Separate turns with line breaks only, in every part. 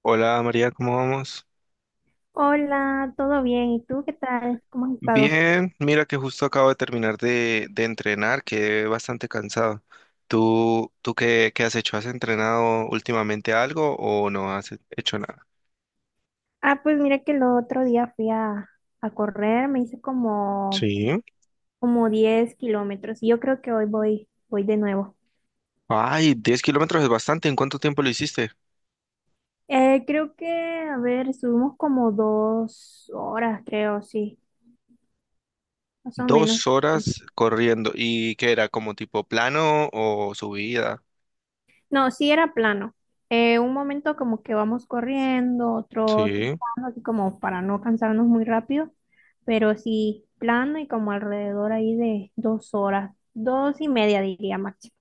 Hola María, ¿cómo vamos?
Hola, ¿todo bien? ¿Y tú qué tal? ¿Cómo has estado?
Bien, mira que justo acabo de terminar de entrenar, quedé bastante cansado. ¿Tú qué has hecho? ¿Has entrenado últimamente algo o no has hecho nada?
Pues mira que el otro día a correr,
Sí.
como 10 kilómetros y yo creo que hoy voy de nuevo.
Ay, 10 kilómetros es bastante. ¿En cuánto tiempo lo hiciste?
Eh, creo que, a ver, subimos como 2 horas, creo, sí, más o menos.
2 horas corriendo. ¿Y qué era? ¿Como tipo plano o subida?
No, sí era plano. Un momento como que vamos corriendo, otro
Sí.
trotando, así como para no cansarnos muy rápido, pero sí plano y como alrededor ahí de 2 horas, 2 y media diría máximo.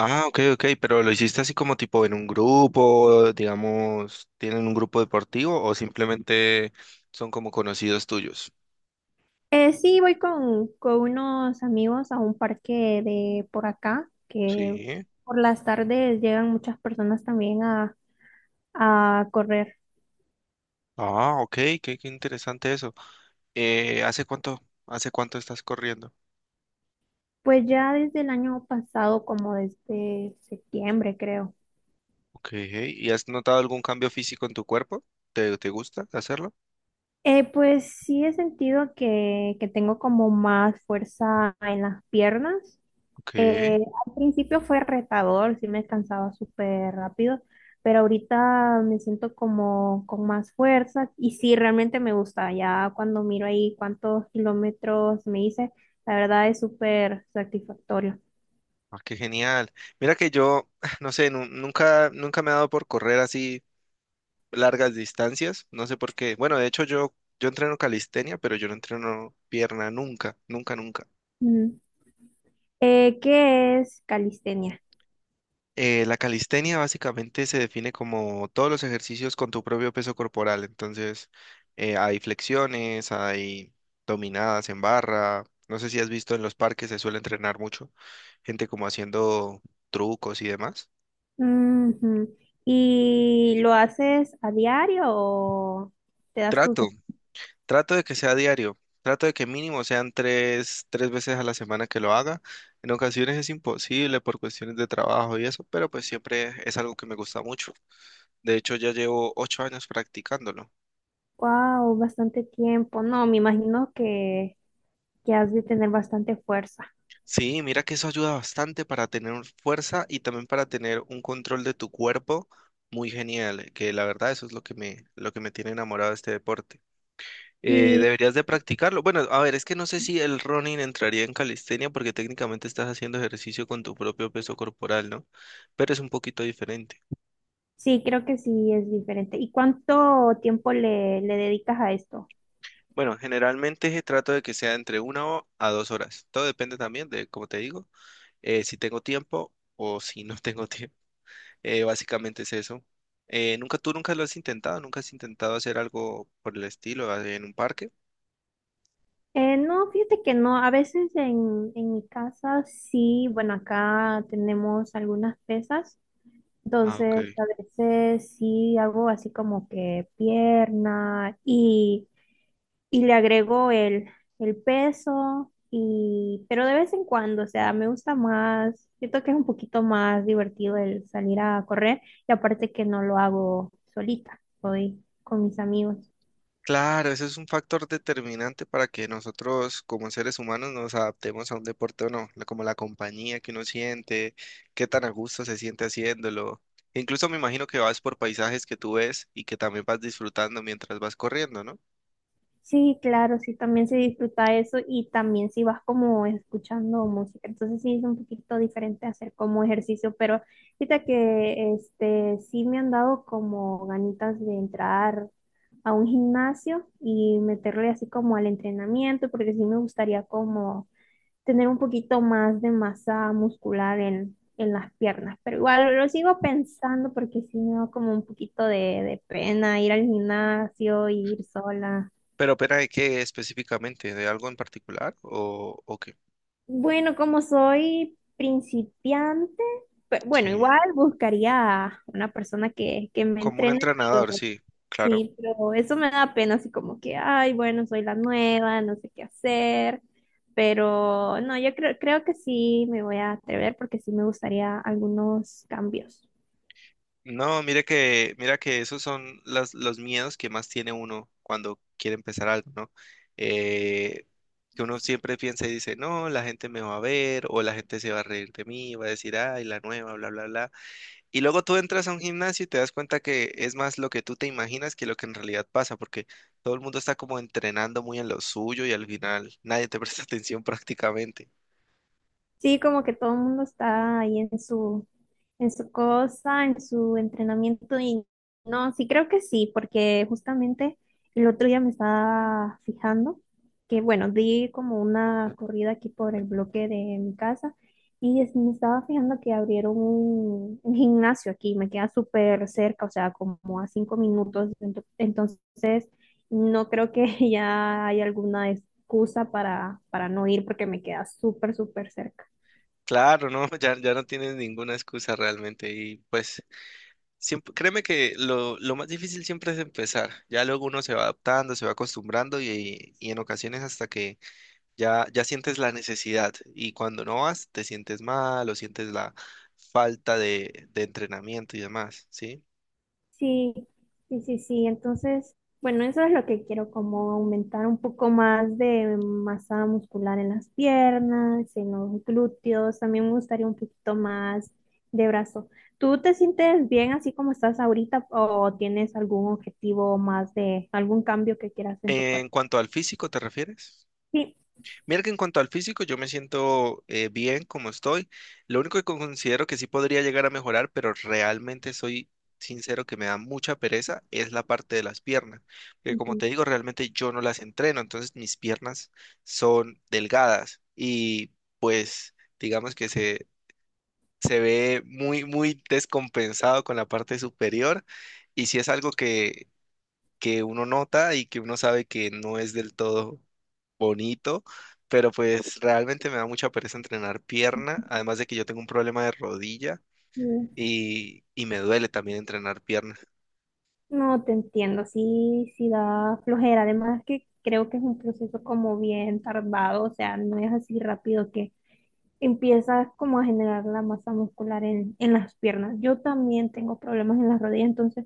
Ah, ok, ok, pero lo hiciste así como tipo en un grupo, digamos, ¿tienen un grupo deportivo o simplemente son como conocidos tuyos?
Sí, con unos amigos a un parque de por acá, que
Sí.
por las tardes llegan muchas personas a correr.
Ah, ok, qué interesante eso. Eh, ¿hace cuánto, hace cuánto estás corriendo?
Pues ya desde el año pasado, como desde septiembre, creo.
Ok, ¿y has notado algún cambio físico en tu cuerpo? ¿Te gusta hacerlo?
Pues sí he sentido que tengo como más fuerza en las piernas.
Ok,
Eh, Al principio fue retador, sí me cansaba súper rápido, pero ahorita me siento como con más fuerza y sí, realmente me gusta. Ya cuando miro ahí cuántos kilómetros me hice, la verdad es súper satisfactorio.
ah, qué genial. Mira que yo, no sé, nunca me he dado por correr así largas distancias. No sé por qué. Bueno, de hecho yo entreno calistenia, pero yo no entreno pierna nunca, nunca, nunca.
Mm. ¿Qué es calistenia?
La calistenia básicamente se define como todos los ejercicios con tu propio peso corporal. Entonces, hay flexiones, hay dominadas en barra. No sé si has visto en los parques, se suele entrenar mucho gente como haciendo trucos y demás.
Ujú. ¿Y lo haces a diario o te das tus...
Trato. Trato de que sea diario, trato de que mínimo sean tres veces a la semana que lo haga. En ocasiones es imposible por cuestiones de trabajo y eso, pero pues siempre es algo que me gusta mucho. De hecho, ya llevo 8 años practicándolo.
Wow, bastante tiempo. No, que has de tener bastante fuerza.
Sí, mira que eso ayuda bastante para tener fuerza y también para tener un control de tu cuerpo muy genial, que la verdad eso es lo que me tiene enamorado de este deporte.
Y
Deberías de practicarlo. Bueno, a ver, es que no sé si el running entraría en calistenia porque técnicamente estás haciendo ejercicio con tu propio peso corporal, ¿no? Pero es un poquito diferente.
sí, creo que sí es diferente. ¿Y cuánto tiempo le dedicas a esto?
Bueno, generalmente trato de que sea entre una a 2 horas. Todo depende también de, como te digo, si tengo tiempo o si no tengo tiempo. Básicamente es eso. ¿Nunca, tú nunca lo has intentado? ¿Nunca has intentado hacer algo por el estilo en un parque?
No, fíjate que no. En mi casa sí, bueno, acá tenemos algunas pesas.
Ah, ok.
Entonces, a veces sí hago así como que pierna y el peso y pero de vez en cuando, o sea, me gusta más, siento que es un poquito más divertido el salir a correr y aparte que no lo hago solita, voy con mis amigos.
Claro, ese es un factor determinante para que nosotros como seres humanos nos adaptemos a un deporte o no, como la compañía que uno siente, qué tan a gusto se siente haciéndolo. Incluso me imagino que vas por paisajes que tú ves y que también vas disfrutando mientras vas corriendo, ¿no?
Sí, claro, sí, también se disfruta eso y también si vas como escuchando música, entonces sí es un poquito diferente hacer como ejercicio, pero fíjate que este sí me han dado como ganitas de entrar a un gimnasio y meterle así como al entrenamiento, porque sí me gustaría como tener un poquito más de masa muscular en las piernas, pero igual lo sigo pensando porque sí me da como un poquito de pena ir al gimnasio y ir sola.
¿Pero de qué específicamente? ¿De algo en particular o qué?
Bueno, como soy principiante,
Sí,
igual buscaría una persona que me
como un
entrene,
entrenador,
pero
sí, claro.
sí, pero eso me da pena, así como que, ay, bueno, soy la nueva, no sé qué hacer, pero no, creo que sí me voy a atrever porque sí me gustaría algunos cambios.
No, mira que esos son los miedos que más tiene uno cuando quiere empezar algo, ¿no? Eh, que uno siempre piensa y dice, no, la gente me va a ver o la gente se va a reír de mí, va a decir, ay, la nueva, bla, bla, bla. Y luego tú entras a un gimnasio y te das cuenta que es más lo que tú te imaginas que lo que en realidad pasa, porque todo el mundo está como entrenando muy en lo suyo y al final nadie te presta atención prácticamente.
Sí, como que todo el mundo está ahí en su cosa, en su entrenamiento y no, sí creo que sí, porque justamente el otro día me estaba fijando que, bueno, di como una corrida aquí por el bloque de mi casa me estaba fijando que abrieron un gimnasio aquí, me queda súper cerca, o sea, como a 5 minutos, entonces no creo que ya haya alguna excusa para no ir porque me queda súper, súper cerca.
Claro, no, ya no tienes ninguna excusa realmente y pues siempre, créeme que lo, más difícil siempre es empezar. Ya luego uno se va adaptando, se va acostumbrando y en ocasiones hasta que ya sientes la necesidad y cuando no vas te sientes mal o sientes la falta de entrenamiento y demás, ¿sí?
Sí, sí, sí, sí. Entonces, bueno, eso es lo que quiero, como aumentar un poco más de masa muscular en las piernas, en los glúteos. También me gustaría un poquito más de brazo. ¿Tú te sientes bien así como estás ahorita o tienes algún objetivo más de algún cambio que quieras en tu cuerpo?
En cuanto al físico, ¿te refieres?
Sí,
Mira que en cuanto al físico, yo me siento bien como estoy. Lo único que considero que sí podría llegar a mejorar, pero realmente soy sincero que me da mucha pereza, es la parte de las piernas. Porque como
ujú,
te digo, realmente yo no las entreno, entonces mis piernas son delgadas y pues digamos que se ve muy, muy descompensado con la parte superior. Y si es algo que uno nota y que uno sabe que no es del todo bonito, pero pues realmente me da mucha pereza entrenar pierna, además de que yo tengo un problema de rodilla
sí.
y me duele también entrenar pierna.
No te entiendo, sí, sí da flojera. Además que creo que es un proceso como bien tardado, o sea, no es así rápido empiezas como a generar la masa muscular en las piernas. Yo también tengo problemas en las rodillas, entonces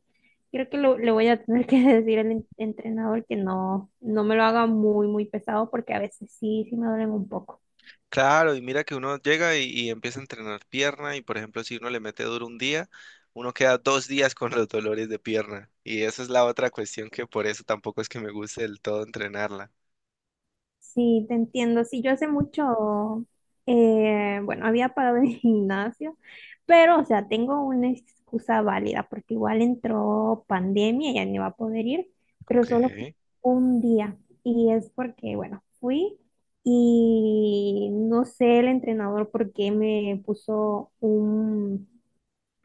creo que le voy a tener que decir al entrenador que no, no me lo haga muy, muy pesado porque a veces sí, sí me duelen un poco.
Claro, y mira que uno llega y empieza a entrenar pierna y por ejemplo si uno le mete duro un día, uno queda 2 días con los dolores de pierna y esa es la otra cuestión que por eso tampoco es que me guste del todo entrenarla.
Sí, te entiendo. Sí, yo hace mucho, bueno, había pagado el gimnasio, pero, o sea, tengo una excusa válida, porque igual entró pandemia y ya no iba a poder ir, pero
Ok,
solo fui un día. Y es porque, bueno, fui y no sé el entrenador por qué me puso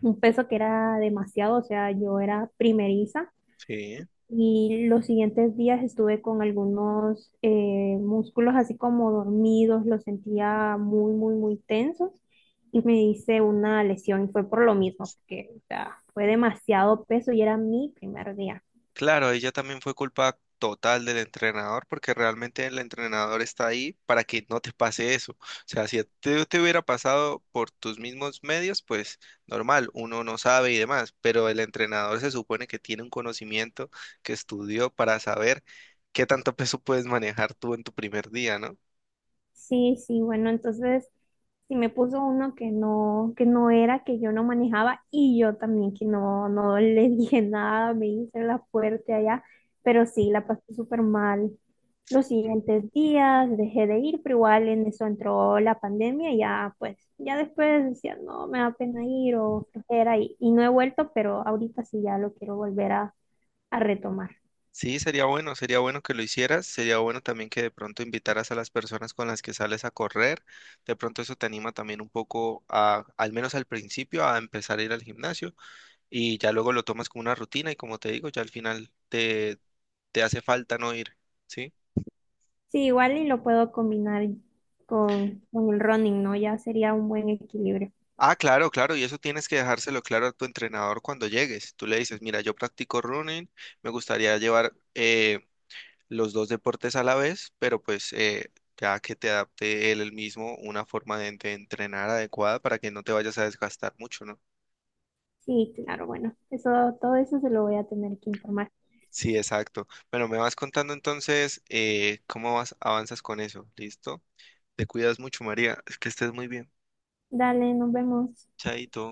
un peso que era demasiado, o sea, yo era primeriza.
sí.
Y los siguientes días estuve con algunos músculos así como dormidos, los sentía muy, muy, muy tensos y me hice una lesión y fue por lo mismo, porque o sea, fue demasiado peso y era mi primer día.
Claro, ella también fue culpa total del entrenador, porque realmente el entrenador está ahí para que no te pase eso. O sea, si a ti te hubiera pasado por tus mismos medios, pues normal, uno no sabe y demás, pero el entrenador se supone que tiene un conocimiento que estudió para saber qué tanto peso puedes manejar tú en tu primer día, ¿no?
Sí, sí, bueno, entonces si me puso uno que no era, que yo no manejaba y yo también que no, no le dije nada, me hice la fuerte allá, pero sí, la pasé súper mal. Los siguientes días dejé de ir, pero igual en eso entró la pandemia y ya pues, ya después decía, no, me da pena ir o flojera y no he vuelto, pero ahorita sí ya lo quiero volver a retomar.
Sí, sería bueno que lo hicieras, sería bueno también que de pronto invitaras a las personas con las que sales a correr, de pronto eso te anima también un poco al menos al principio, a empezar a ir al gimnasio y ya luego lo tomas como una rutina y como te digo, ya al final te, hace falta no ir, ¿sí?
Sí, igual y lo puedo combinar con el running, ¿no? Ya sería un buen equilibrio.
Ah, claro, claro, y eso tienes que dejárselo claro a tu entrenador cuando llegues. Tú le dices, mira, yo practico running, me gustaría llevar los dos deportes a la vez, pero pues ya que te adapte él el mismo una forma de entrenar adecuada para que no te vayas a desgastar mucho, ¿no?
Sí, claro, bueno, eso, todo eso se lo voy a tener que informar.
Sí, exacto. Bueno, me vas contando entonces cómo vas, avanzas con eso, ¿listo? Te cuidas mucho, María. Es que estés muy bien.
Dale, nos vemos.
Chaito.